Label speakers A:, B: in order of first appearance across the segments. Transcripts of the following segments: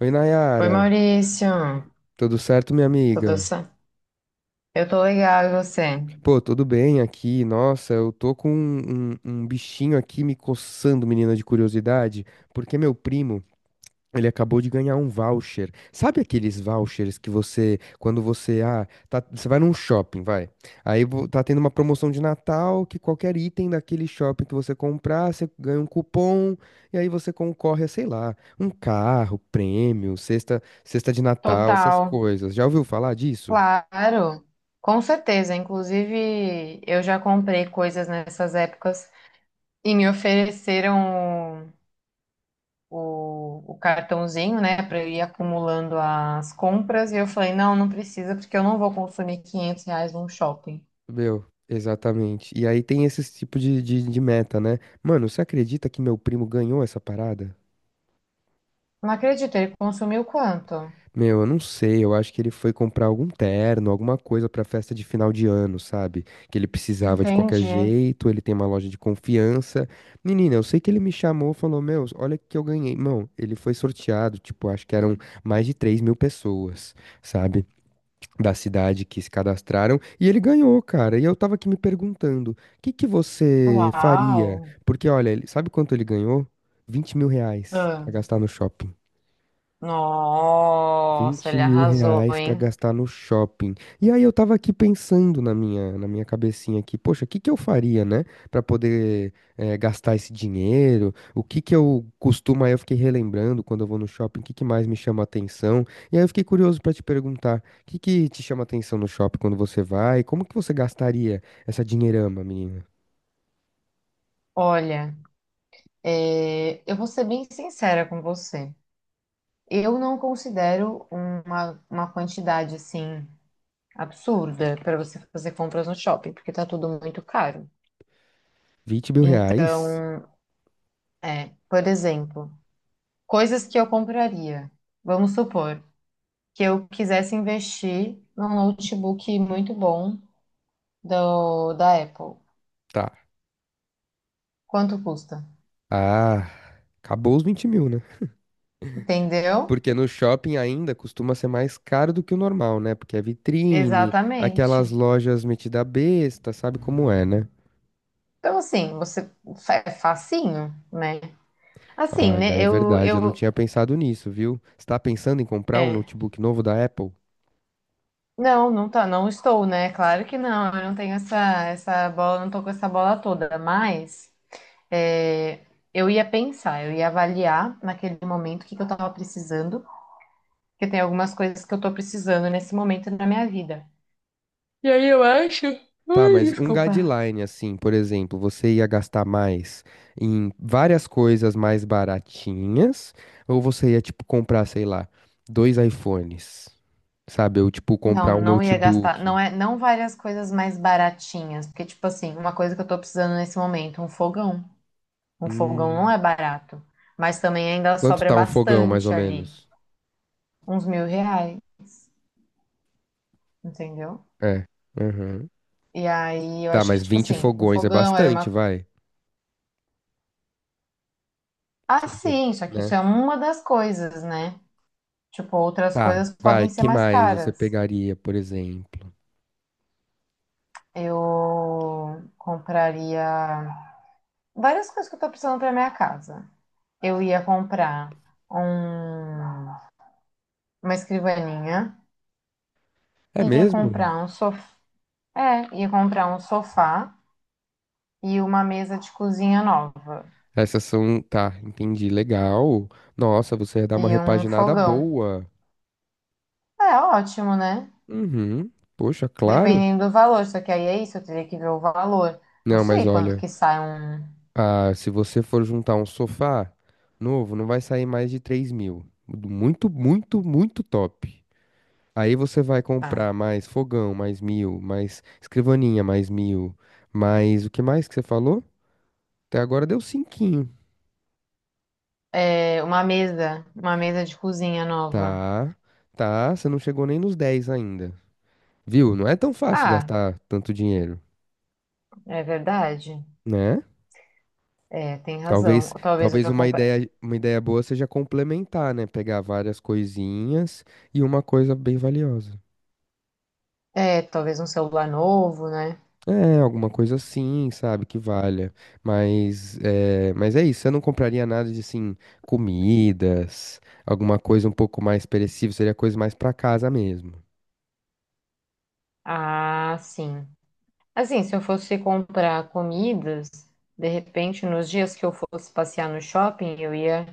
A: Oi,
B: Oi,
A: Nayara.
B: Maurício.
A: Tudo certo, minha
B: Tudo
A: amiga?
B: certo? Eu tô legal, e você?
A: Pô, tudo bem aqui. Nossa, eu tô com um bichinho aqui me coçando, menina, de curiosidade, porque meu primo, ele acabou de ganhar um voucher. Sabe aqueles vouchers que você, quando você, ah, tá- você vai num shopping, vai. Aí tá tendo uma promoção de Natal que qualquer item daquele shopping que você comprar, você ganha um cupom e aí você concorre a, sei lá, um carro, prêmio, cesta de Natal, essas
B: Total,
A: coisas. Já ouviu falar disso?
B: claro. Com certeza. Inclusive, eu já comprei coisas nessas épocas e me ofereceram o cartãozinho, né, para eu ir acumulando as compras. E eu falei, não, não precisa, porque eu não vou consumir 500 reais num shopping.
A: Meu, exatamente. E aí tem esse tipo de meta, né? Mano, você acredita que meu primo ganhou essa parada?
B: Não acredito, ele consumiu quanto?
A: Meu, eu não sei, eu acho que ele foi comprar algum terno, alguma coisa pra festa de final de ano, sabe? Que ele precisava de qualquer
B: Entendi.
A: jeito, ele tem uma loja de confiança. Menina, eu sei que ele me chamou, falou, meu, olha o que eu ganhei. Mão, ele foi sorteado, tipo, acho que eram mais de 3.000 pessoas, sabe? Da cidade que se cadastraram e ele ganhou, cara. E eu tava aqui me perguntando, o que que você faria?
B: Uau!
A: Porque, olha, sabe quanto ele ganhou? R$ 20.000 pra
B: Ah,
A: gastar no shopping.
B: nossa,
A: Vinte
B: ele
A: mil
B: arrasou,
A: reais pra
B: hein?
A: gastar no shopping. E aí eu tava aqui pensando na minha cabecinha aqui, poxa, o que que eu faria, né, pra poder gastar esse dinheiro? O que que eu costumo? Aí eu fiquei relembrando quando eu vou no shopping, o que que mais me chama atenção? E aí eu fiquei curioso pra te perguntar, o que que te chama atenção no shopping quando você vai? Como que você gastaria essa dinheirama, menina?
B: Olha, eu vou ser bem sincera com você. Eu não considero uma quantidade assim absurda para você fazer compras no shopping, porque tá tudo muito caro.
A: Vinte mil
B: Então,
A: reais?
B: por exemplo, coisas que eu compraria. Vamos supor que eu quisesse investir num notebook muito bom da Apple.
A: Tá.
B: Quanto custa?
A: Ah, acabou os 20.000, né?
B: Entendeu?
A: Porque no shopping ainda costuma ser mais caro do que o normal, né? Porque é vitrine, aquelas
B: Exatamente.
A: lojas metida besta, sabe como é, né?
B: Então, assim, você é facinho, né? Assim,
A: Olha,
B: né?
A: é verdade, eu não tinha pensado nisso, viu? Você tá pensando em comprar um
B: É.
A: notebook novo da Apple?
B: Não, não tá, não estou, né? Claro que não. Eu não tenho essa bola, não tô com essa bola toda. Mas é, eu ia pensar, eu ia avaliar naquele momento o que que eu tava precisando, porque tem algumas coisas que eu tô precisando nesse momento na minha vida.
A: Tá, mas um
B: Desculpa.
A: guideline, assim, por exemplo, você ia gastar mais em várias coisas mais baratinhas, ou você ia, tipo, comprar, sei lá, dois iPhones, sabe? Ou, tipo,
B: Não,
A: comprar um
B: não ia gastar,
A: notebook.
B: não é, não várias coisas mais baratinhas, porque tipo assim, uma coisa que eu tô precisando nesse momento, um fogão. Um fogão não
A: Hum,
B: é barato, mas também ainda
A: quanto
B: sobra
A: tá um fogão, mais ou
B: bastante ali.
A: menos?
B: Uns mil reais, entendeu?
A: É. Aham.
B: E aí eu
A: Tá,
B: acho
A: mas
B: que, tipo
A: 20
B: assim, um
A: fogões é
B: fogão era
A: bastante,
B: uma.
A: vai.
B: Ah,
A: Tipo,
B: sim, só que isso
A: né?
B: é uma das coisas, né? Tipo, outras
A: Tá,
B: coisas
A: vai.
B: podem ser
A: Que
B: mais
A: mais você
B: caras.
A: pegaria, por exemplo?
B: Eu compraria várias coisas que eu tô precisando pra minha casa. Eu ia comprar um... uma escrivaninha,
A: É
B: ia
A: mesmo?
B: comprar um sofá, ia comprar um sofá e uma mesa de cozinha nova
A: Essas são. Tá, entendi. Legal. Nossa, você ia dar uma
B: e um
A: repaginada
B: fogão.
A: boa.
B: É ótimo, né?
A: Uhum. Poxa, claro.
B: Dependendo do valor, só que aí é isso, eu teria que ver o valor. Não
A: Não, mas
B: sei quanto
A: olha,
B: que sai um,
A: se você for juntar um sofá novo, não vai sair mais de 3.000. Muito, muito, muito top. Aí você vai
B: ah,
A: comprar mais fogão, mais 1.000, mais escrivaninha, mais 1.000, mais o que mais que você falou? Até agora deu cinquinho.
B: é, uma mesa de cozinha nova.
A: Tá, tá, você não chegou nem nos 10 ainda. Viu? Não é tão fácil
B: Ah,
A: gastar tanto dinheiro,
B: é verdade.
A: né?
B: É, tem razão.
A: Talvez,
B: Talvez
A: talvez
B: eu
A: uma
B: compre,
A: ideia, uma ideia boa seja complementar, né? Pegar várias coisinhas e uma coisa bem valiosa.
B: é, talvez um celular novo, né?
A: É, alguma coisa assim, sabe, que valha. Mas é isso, você não compraria nada de, assim, comidas, alguma coisa um pouco mais perecível, seria coisa mais pra casa mesmo.
B: Ah, sim. Assim, se eu fosse comprar comidas, de repente, nos dias que eu fosse passear no shopping, eu ia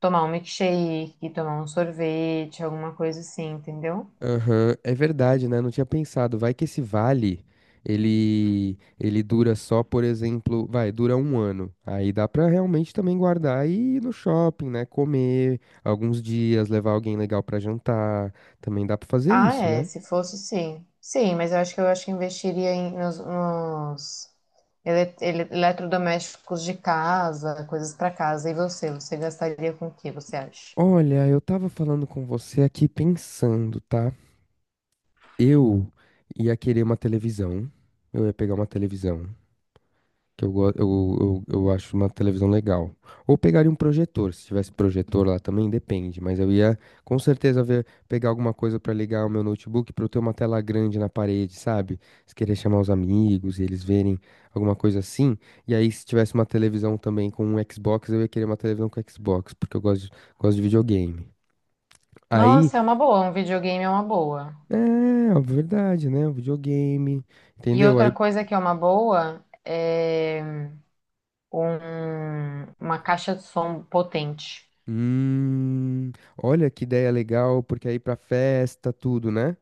B: tomar um milkshake, tomar um sorvete, alguma coisa assim, entendeu?
A: Aham, é verdade, né? Não tinha pensado. Vai que esse vale, ele dura só, por exemplo, vai, dura um ano. Aí dá pra realmente também guardar e ir no shopping, né? Comer alguns dias, levar alguém legal pra jantar. Também dá pra fazer
B: Ah,
A: isso,
B: é,
A: né?
B: se fosse, sim. Sim, mas eu acho que investiria em, nos eletrodomésticos de casa, coisas para casa. E você, você gastaria com o que, você acha?
A: Olha, eu tava falando com você aqui pensando, tá? Eu ia querer uma televisão. Eu ia pegar uma televisão, que eu, go- eu acho uma televisão legal. Ou pegaria um projetor, se tivesse projetor lá também, depende. Mas eu ia com certeza ver, pegar alguma coisa pra ligar o meu notebook pra eu ter uma tela grande na parede, sabe? Se querer chamar os amigos e eles verem alguma coisa assim. E aí, se tivesse uma televisão também com um Xbox, eu ia querer uma televisão com Xbox, porque eu gosto de videogame. Aí
B: Nossa, é uma boa, um videogame é uma boa.
A: é, ó, verdade, né? Videogame,
B: E
A: entendeu? Aí,
B: outra coisa que é uma boa é uma caixa de som potente.
A: hum, olha que ideia legal, porque aí pra festa, tudo, né?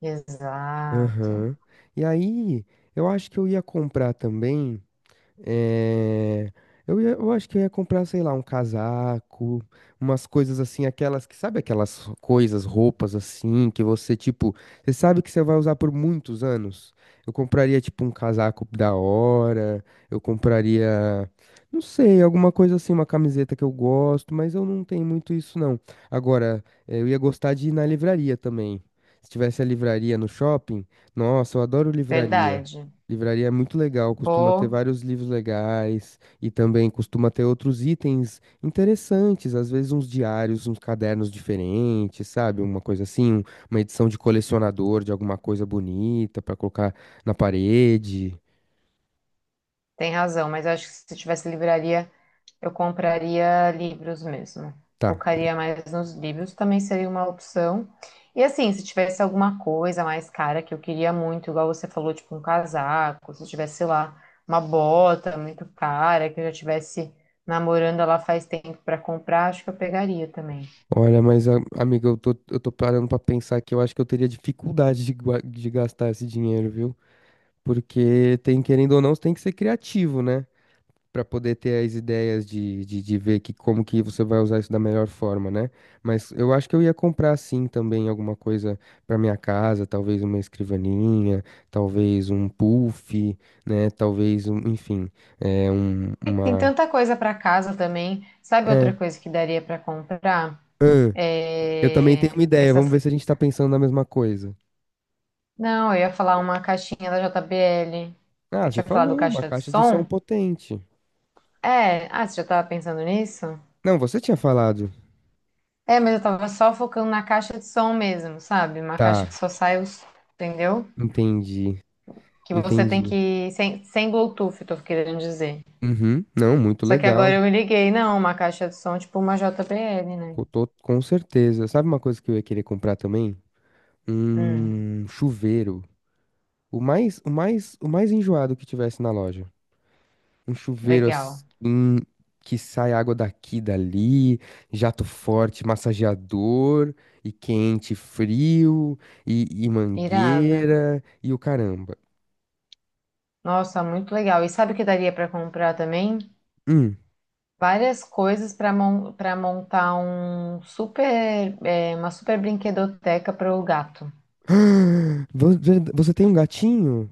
B: Exato,
A: Aham. E aí, eu acho que eu ia comprar também. É. Eu acho que eu ia comprar, sei lá, um casaco, umas coisas assim, aquelas que, sabe aquelas coisas, roupas assim, que você, tipo, você sabe que você vai usar por muitos anos? Eu compraria, tipo, um casaco da hora, eu compraria, não sei, alguma coisa assim, uma camiseta que eu gosto, mas eu não tenho muito isso, não. Agora, eu ia gostar de ir na livraria também. Se tivesse a livraria no shopping, nossa, eu adoro livraria.
B: verdade.
A: Livraria é muito legal, costuma ter
B: Pô,
A: vários livros legais e também costuma ter outros itens interessantes, às vezes uns diários, uns cadernos diferentes, sabe? Uma coisa assim, uma edição de colecionador de alguma coisa bonita pra colocar na parede.
B: tem razão, mas eu acho que se tivesse livraria, eu compraria livros mesmo.
A: Tá.
B: Focaria mais nos livros, também seria uma opção. E assim, se tivesse alguma coisa mais cara que eu queria muito, igual você falou, tipo um casaco, se tivesse, sei lá, uma bota muito cara, que eu já tivesse namorando ela faz tempo para comprar, acho que eu pegaria também.
A: Olha, mas amiga, eu tô parando pra pensar que eu acho que eu teria dificuldade de gastar esse dinheiro, viu? Porque tem, querendo ou não, você tem que ser criativo, né? Para poder ter as ideias de ver que como que você vai usar isso da melhor forma, né? Mas eu acho que eu ia comprar sim também alguma coisa para minha casa, talvez uma escrivaninha, talvez um puff, né? Talvez um, enfim, é um,
B: É que tem
A: uma
B: tanta coisa para casa também. Sabe
A: é,
B: outra coisa que daria para comprar?
A: ahn, eu também tenho
B: É...
A: uma ideia, vamos
B: essas.
A: ver se a gente tá pensando na mesma coisa.
B: Não, eu ia falar uma caixinha da JBL.
A: Ah,
B: Eu
A: você
B: tinha falado
A: falou, uma
B: caixa de
A: caixa de som
B: som.
A: potente.
B: É, ah, você já tava pensando nisso?
A: Não, você tinha falado.
B: É, mas eu tava só focando na caixa de som mesmo, sabe? Uma caixa que
A: Tá,
B: só sai os, entendeu?
A: entendi,
B: Que você tem
A: entendi.
B: que, sem Bluetooth, eu tô querendo dizer.
A: Uhum, não, muito
B: Só que agora
A: legal.
B: eu me liguei, não, uma caixa de som tipo uma JBL, né?
A: Eu tô com certeza. Sabe uma coisa que eu ia querer comprar também?
B: Hum,
A: Um chuveiro. O mais enjoado que tivesse na loja. Um chuveiro
B: legal.
A: assim que sai água daqui, dali, jato forte, massageador, e quente, frio, e
B: Irado.
A: mangueira, e o caramba.
B: Nossa, muito legal. E sabe o que daria pra comprar também?
A: Hum.
B: Várias coisas pra mon para montar um super, é, uma super brinquedoteca para o gato.
A: Você tem um gatinho?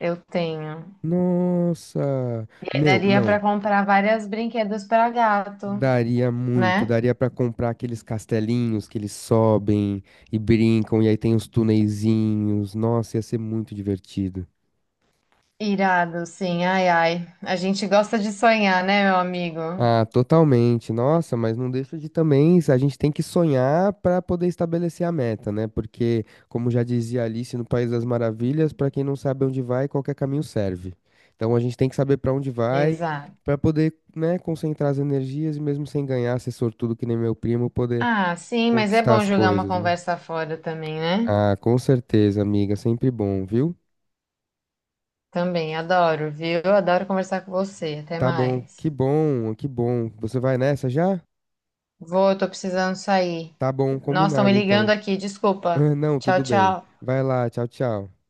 B: Eu tenho.
A: Nossa! Meu,
B: Daria
A: não.
B: para comprar várias brinquedos para gato,
A: Daria muito,
B: né?
A: daria pra comprar aqueles castelinhos que eles sobem e brincam, e aí tem os tuneizinhos. Nossa, ia ser muito divertido.
B: Irado, sim, ai, ai. A gente gosta de sonhar, né, meu amigo?
A: Ah, totalmente. Nossa, mas não deixa de também, a gente tem que sonhar para poder estabelecer a meta, né? Porque, como já dizia Alice no País das Maravilhas, para quem não sabe onde vai, qualquer caminho serve. Então a gente tem que saber para onde vai
B: Exato.
A: para poder, né, concentrar as energias e mesmo sem ganhar, ser sortudo que nem meu primo, poder
B: Ah, sim, mas é
A: conquistar
B: bom
A: as
B: jogar uma
A: coisas, né?
B: conversa fora também, né?
A: Ah, com certeza, amiga, sempre bom, viu?
B: Também, adoro, viu? Adoro conversar com você. Até
A: Tá bom, que
B: mais.
A: bom, que bom. Você vai nessa já?
B: Vou, tô precisando sair.
A: Tá bom,
B: Nossa, estão me
A: combinado
B: ligando
A: então.
B: aqui, desculpa.
A: Não,
B: Tchau,
A: tudo bem.
B: tchau.
A: Vai lá, tchau, tchau.